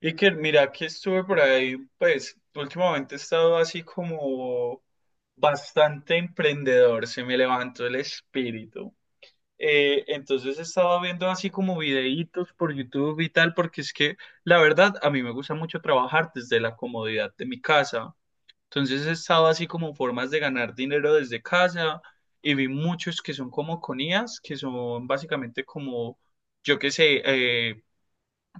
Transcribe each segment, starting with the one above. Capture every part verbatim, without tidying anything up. Iker, mira que estuve por ahí, pues últimamente he estado así como bastante emprendedor, se me levantó el espíritu. Eh, entonces he estado viendo así como videitos por YouTube y tal, porque es que la verdad a mí me gusta mucho trabajar desde la comodidad de mi casa. Entonces he estado así como formas de ganar dinero desde casa y vi muchos que son como con I As, que son básicamente como, yo qué sé, eh,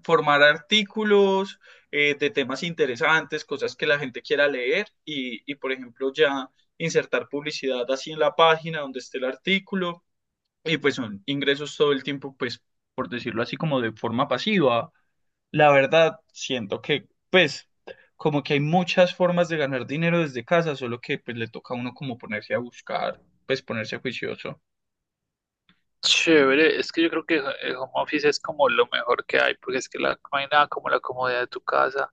formar artículos eh, de temas interesantes, cosas que la gente quiera leer y, y, por ejemplo, ya insertar publicidad así en la página donde esté el artículo y pues son ingresos todo el tiempo, pues, por decirlo así, como de forma pasiva. La verdad, siento que, pues, como que hay muchas formas de ganar dinero desde casa, solo que pues le toca a uno como ponerse a buscar, pues ponerse juicioso. Chévere, es que yo creo que el home office es como lo mejor que hay, porque es que la- no hay nada como la comodidad de tu casa.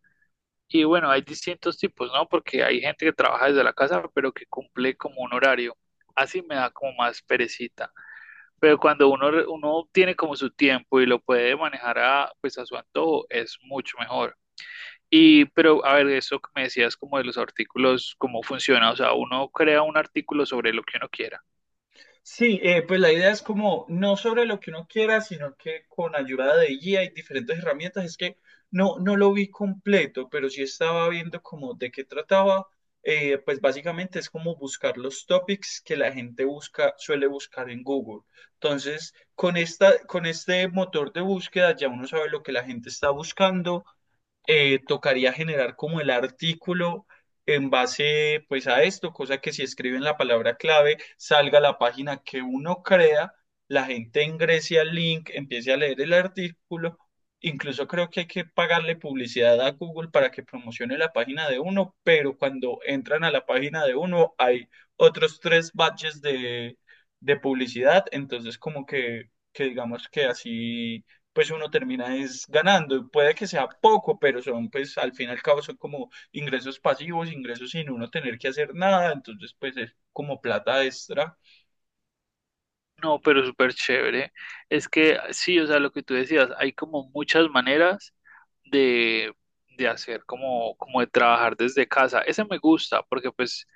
Y bueno, hay distintos tipos, ¿no? Porque hay gente que trabaja desde la casa, pero que cumple como un horario. Así me da como más perecita. Pero cuando uno, re- uno tiene como su tiempo y lo puede manejar a, pues a su antojo, es mucho mejor. Y, pero a ver, eso que me decías como de los artículos, cómo funciona. O sea, uno crea un artículo sobre lo que uno quiera. Sí, eh, pues la idea es como no sobre lo que uno quiera, sino que con ayuda de guía y diferentes herramientas. Es que no, no lo vi completo, pero sí estaba viendo como de qué trataba. Eh, pues básicamente es como buscar los topics que la gente busca, suele buscar en Google. Entonces, con esta, con este motor de búsqueda ya uno sabe lo que la gente está buscando, eh, tocaría generar como el artículo en base pues a esto, cosa que si escriben la palabra clave salga la página que uno crea, la gente ingrese al link, empiece a leer el artículo. Incluso creo que hay que pagarle publicidad a Google para que promocione la página de uno, pero cuando entran a la página de uno hay otros tres badges de, de publicidad, entonces como que, que digamos que así pues uno termina es ganando. Puede que sea poco, pero son, pues al fin y al cabo son como ingresos pasivos, ingresos sin uno tener que hacer nada, entonces pues es como plata extra. No, pero súper chévere. Es que sí, o sea, lo que tú decías, hay como muchas maneras de, de hacer, como, como de trabajar desde casa. Ese me gusta porque pues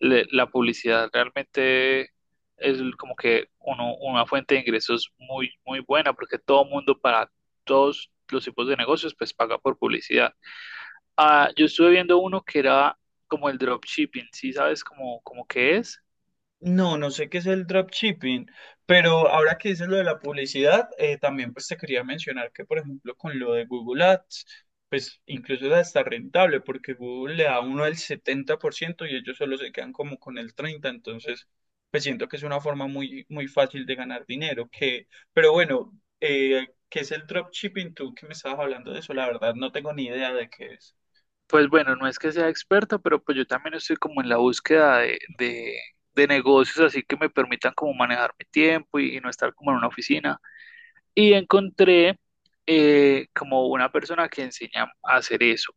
le- la publicidad realmente es como que uno, una fuente de ingresos muy, muy buena porque todo mundo para todos los tipos de negocios pues paga por publicidad. Ah, yo estuve viendo uno que era como el dropshipping, ¿sí sabes cómo, cómo que es? No, no sé qué es el dropshipping, pero ahora que dices lo de la publicidad, eh, también pues te quería mencionar que, por ejemplo, con lo de Google Ads, pues incluso es hasta rentable, porque Google le da a uno el setenta por ciento y ellos solo se quedan como con el treinta por ciento, entonces pues siento que es una forma muy, muy fácil de ganar dinero, que, pero bueno, eh, ¿qué es el dropshipping? Tú que me estabas hablando de eso, la verdad no tengo ni idea de qué es. Pues bueno, no es que sea experto, pero pues yo también estoy como en la búsqueda de, de- de negocios así que me permitan como manejar mi tiempo y, y no estar como en una oficina. Y encontré eh, como una persona que enseña a hacer eso.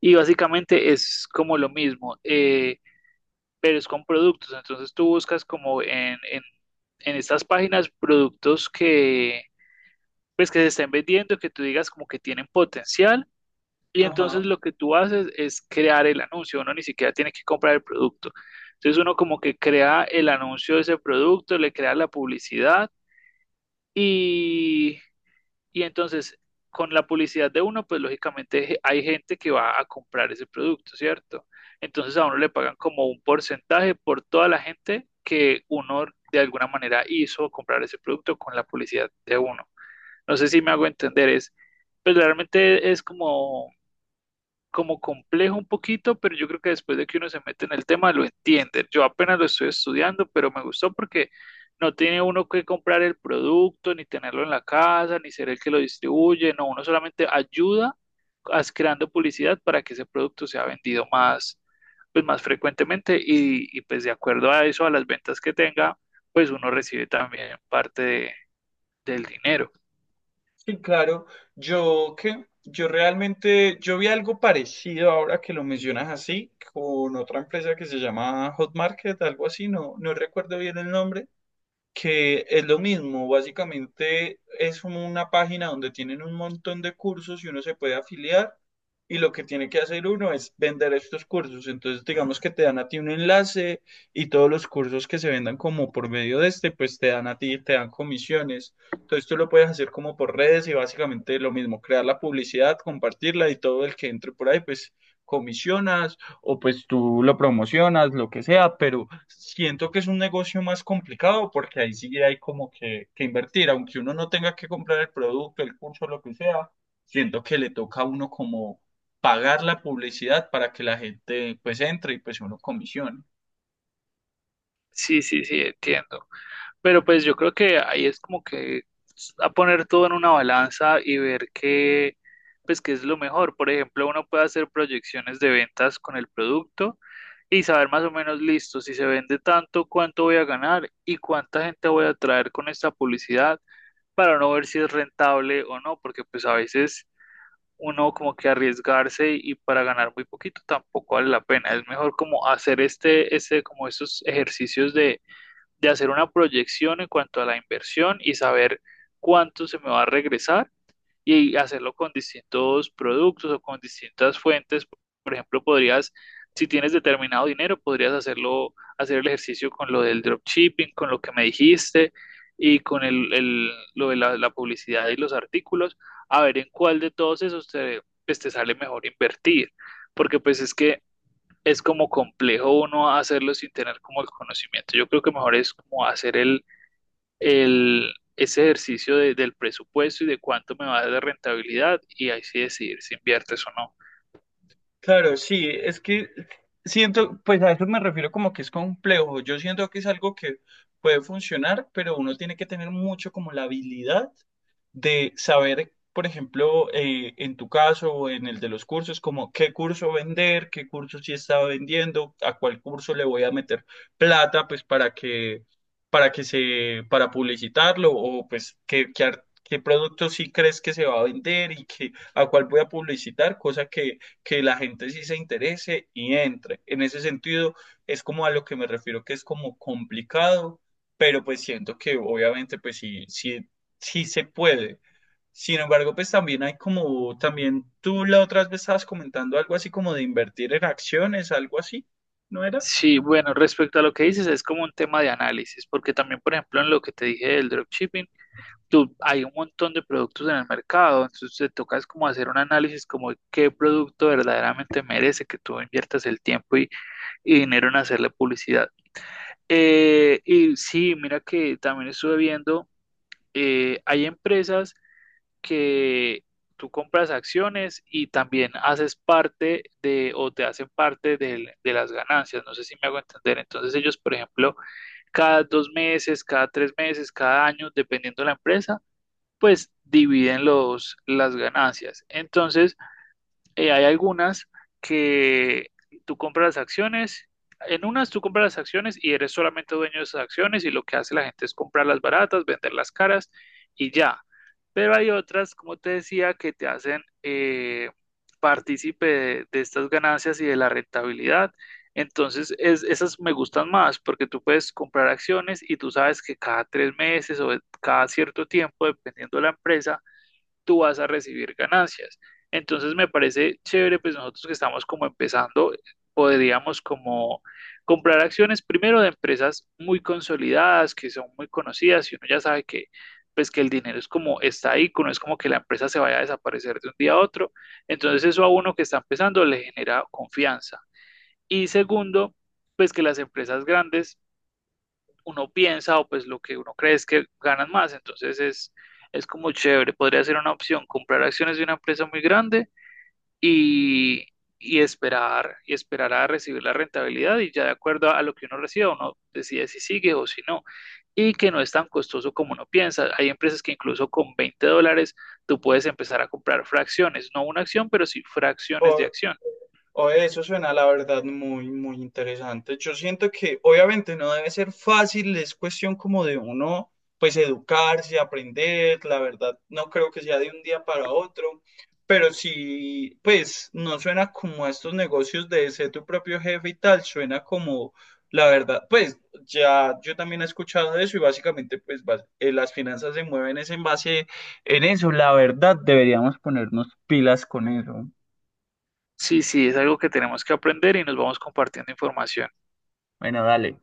Y básicamente es como lo mismo, eh, pero es con productos. Entonces tú buscas como en, en, en estas páginas productos que pues que se estén vendiendo, que tú digas como que tienen potencial y entonces Ajá. lo que tú haces es crear el anuncio, uno ni siquiera tiene que comprar el producto. Entonces uno como que crea el anuncio de ese producto, le crea la publicidad y, y entonces con la publicidad de uno, pues lógicamente je- hay gente que va a comprar ese producto, ¿cierto? Entonces a uno le pagan como un porcentaje por toda la gente que uno de alguna manera hizo comprar ese producto con la publicidad de uno. No sé si me hago entender, es, Pues realmente es como como complejo un poquito, pero yo creo que después de que uno se mete en el tema lo entiende. Yo apenas lo estoy estudiando, pero me gustó porque no tiene uno que comprar el producto, ni tenerlo en la casa, ni ser el que lo distribuye, no, uno solamente ayuda as- creando publicidad para que ese producto sea vendido más, pues más frecuentemente y, y pues de acuerdo a eso, a las ventas que tenga, pues uno recibe también parte de- del dinero. Sí, claro. Yo que yo realmente yo vi algo parecido ahora que lo mencionas así con otra empresa que se llama Hot Market, algo así, no no recuerdo bien el nombre, que es lo mismo, básicamente es como una página donde tienen un montón de cursos y uno se puede afiliar y lo que tiene que hacer uno es vender estos cursos. Entonces, digamos que te dan a ti un enlace y todos los cursos que se vendan como por medio de este, pues te dan a ti, te dan comisiones. Entonces, tú lo puedes hacer como por redes y básicamente lo mismo, crear la publicidad, compartirla y todo el que entre por ahí, pues comisionas o pues tú lo promocionas, lo que sea, pero siento que es un negocio más complicado porque ahí sí hay como que, que invertir, aunque uno no tenga que comprar el producto, el curso, lo que sea, siento que le toca a uno como pagar la publicidad para que la gente pues entre y pues uno comisione. Sí, sí, sí, entiendo. Pero pues yo creo que ahí es como que a poner todo en una balanza y ver qué, pues qué es lo mejor. Por ejemplo, uno puede hacer proyecciones de ventas con el producto y saber más o menos, listo, si se vende tanto, cuánto voy a ganar y cuánta gente voy a atraer con esta publicidad para no ver si es rentable o no, porque pues a veces uno como que arriesgarse y para ganar muy poquito tampoco vale la pena. Es mejor como hacer este, este, como estos ejercicios de hacer una proyección en cuanto a la inversión y saber cuánto se me va a regresar y hacerlo con distintos productos o con distintas fuentes. Por ejemplo, podrías, si tienes determinado dinero, podrías hacerlo, hacer el ejercicio con lo del dropshipping, con lo que me dijiste y con el, el- lo de la, la publicidad y los artículos, a ver en cuál de todos esos te, pues, te sale mejor invertir. Porque pues es que es como complejo uno hacerlo sin tener como el conocimiento. Yo creo que mejor es como hacer el, el, ese ejercicio de- del presupuesto y de cuánto me va a dar de rentabilidad y ahí sí decidir si inviertes o no. Claro, sí, es que siento, pues a eso me refiero como que es complejo. Yo siento que es algo que puede funcionar, pero uno tiene que tener mucho como la habilidad de saber, por ejemplo, eh, en tu caso o en el de los cursos, como qué curso vender, qué curso sí estaba vendiendo, a cuál curso le voy a meter plata, pues para que, para que se, para publicitarlo o pues qué, qué, ar- qué producto sí crees que se va a vender y que, a cuál voy a publicitar, cosa que que la gente sí se interese y entre. En ese sentido, es como a lo que me refiero, que es como complicado, pero pues siento que obviamente pues sí, sí, sí se puede. Sin embargo, pues también hay como, también tú la otra vez estabas comentando algo así como de invertir en acciones, algo así, ¿no era? Sí, bueno, respecto a lo que dices, es como un tema de análisis, porque también, por ejemplo, en lo que te dije del dropshipping, tú, hay un montón de productos en el mercado, entonces te toca es como hacer un análisis como de qué producto verdaderamente merece que tú inviertas el tiempo y, y dinero en hacerle publicidad. Eh, y sí, mira que también estuve viendo, eh, hay empresas que tú compras acciones y también haces parte de o te hacen parte del- de las ganancias, no sé si me hago entender. Entonces ellos, por ejemplo, cada dos meses, cada tres meses, cada año, dependiendo de la empresa, pues dividen los, las ganancias. Entonces, eh, hay algunas que tú compras las acciones, en unas tú compras las acciones y eres solamente dueño de esas acciones y lo que hace la gente es comprarlas baratas, venderlas caras y ya. Pero hay otras, como te decía, que te hacen eh, partícipe de, de estas ganancias y de la rentabilidad. Entonces, es- esas me gustan más porque tú puedes comprar acciones y tú sabes que cada tres meses o cada cierto tiempo, dependiendo de la empresa, tú vas a recibir ganancias. Entonces me parece chévere, pues nosotros que estamos como empezando, podríamos como comprar acciones primero de empresas muy consolidadas, que son muy conocidas y uno ya sabe que pues que el dinero es como está ahí, que no es como que la empresa se vaya a desaparecer de un día a otro. Entonces eso a uno que está empezando le genera confianza. Y segundo, pues que las empresas grandes uno piensa o pues lo que uno cree es que ganan más. Entonces es, es como chévere. Podría ser una opción comprar acciones de una empresa muy grande y, y esperar, y esperar a recibir la rentabilidad y ya de acuerdo a, lo que uno reciba, uno decide si sigue o si no. Y que no es tan costoso como uno piensa. Hay empresas que incluso con veinte dólares tú puedes empezar a comprar fracciones, no una acción, pero sí fracciones de O, acción. Oye, eso suena la verdad muy, muy interesante. Yo siento que obviamente no debe ser fácil, es cuestión como de uno, pues educarse, aprender, la verdad no creo que sea de un día para otro, pero sí, pues no suena como a estos negocios de ser tu propio jefe y tal, suena como, la verdad, pues ya yo también he escuchado eso y básicamente pues bas- eh, las finanzas se mueven es en base en eso, la verdad deberíamos ponernos pilas con eso. Sí, sí, es algo que tenemos que aprender y nos vamos compartiendo información. Bueno, dale.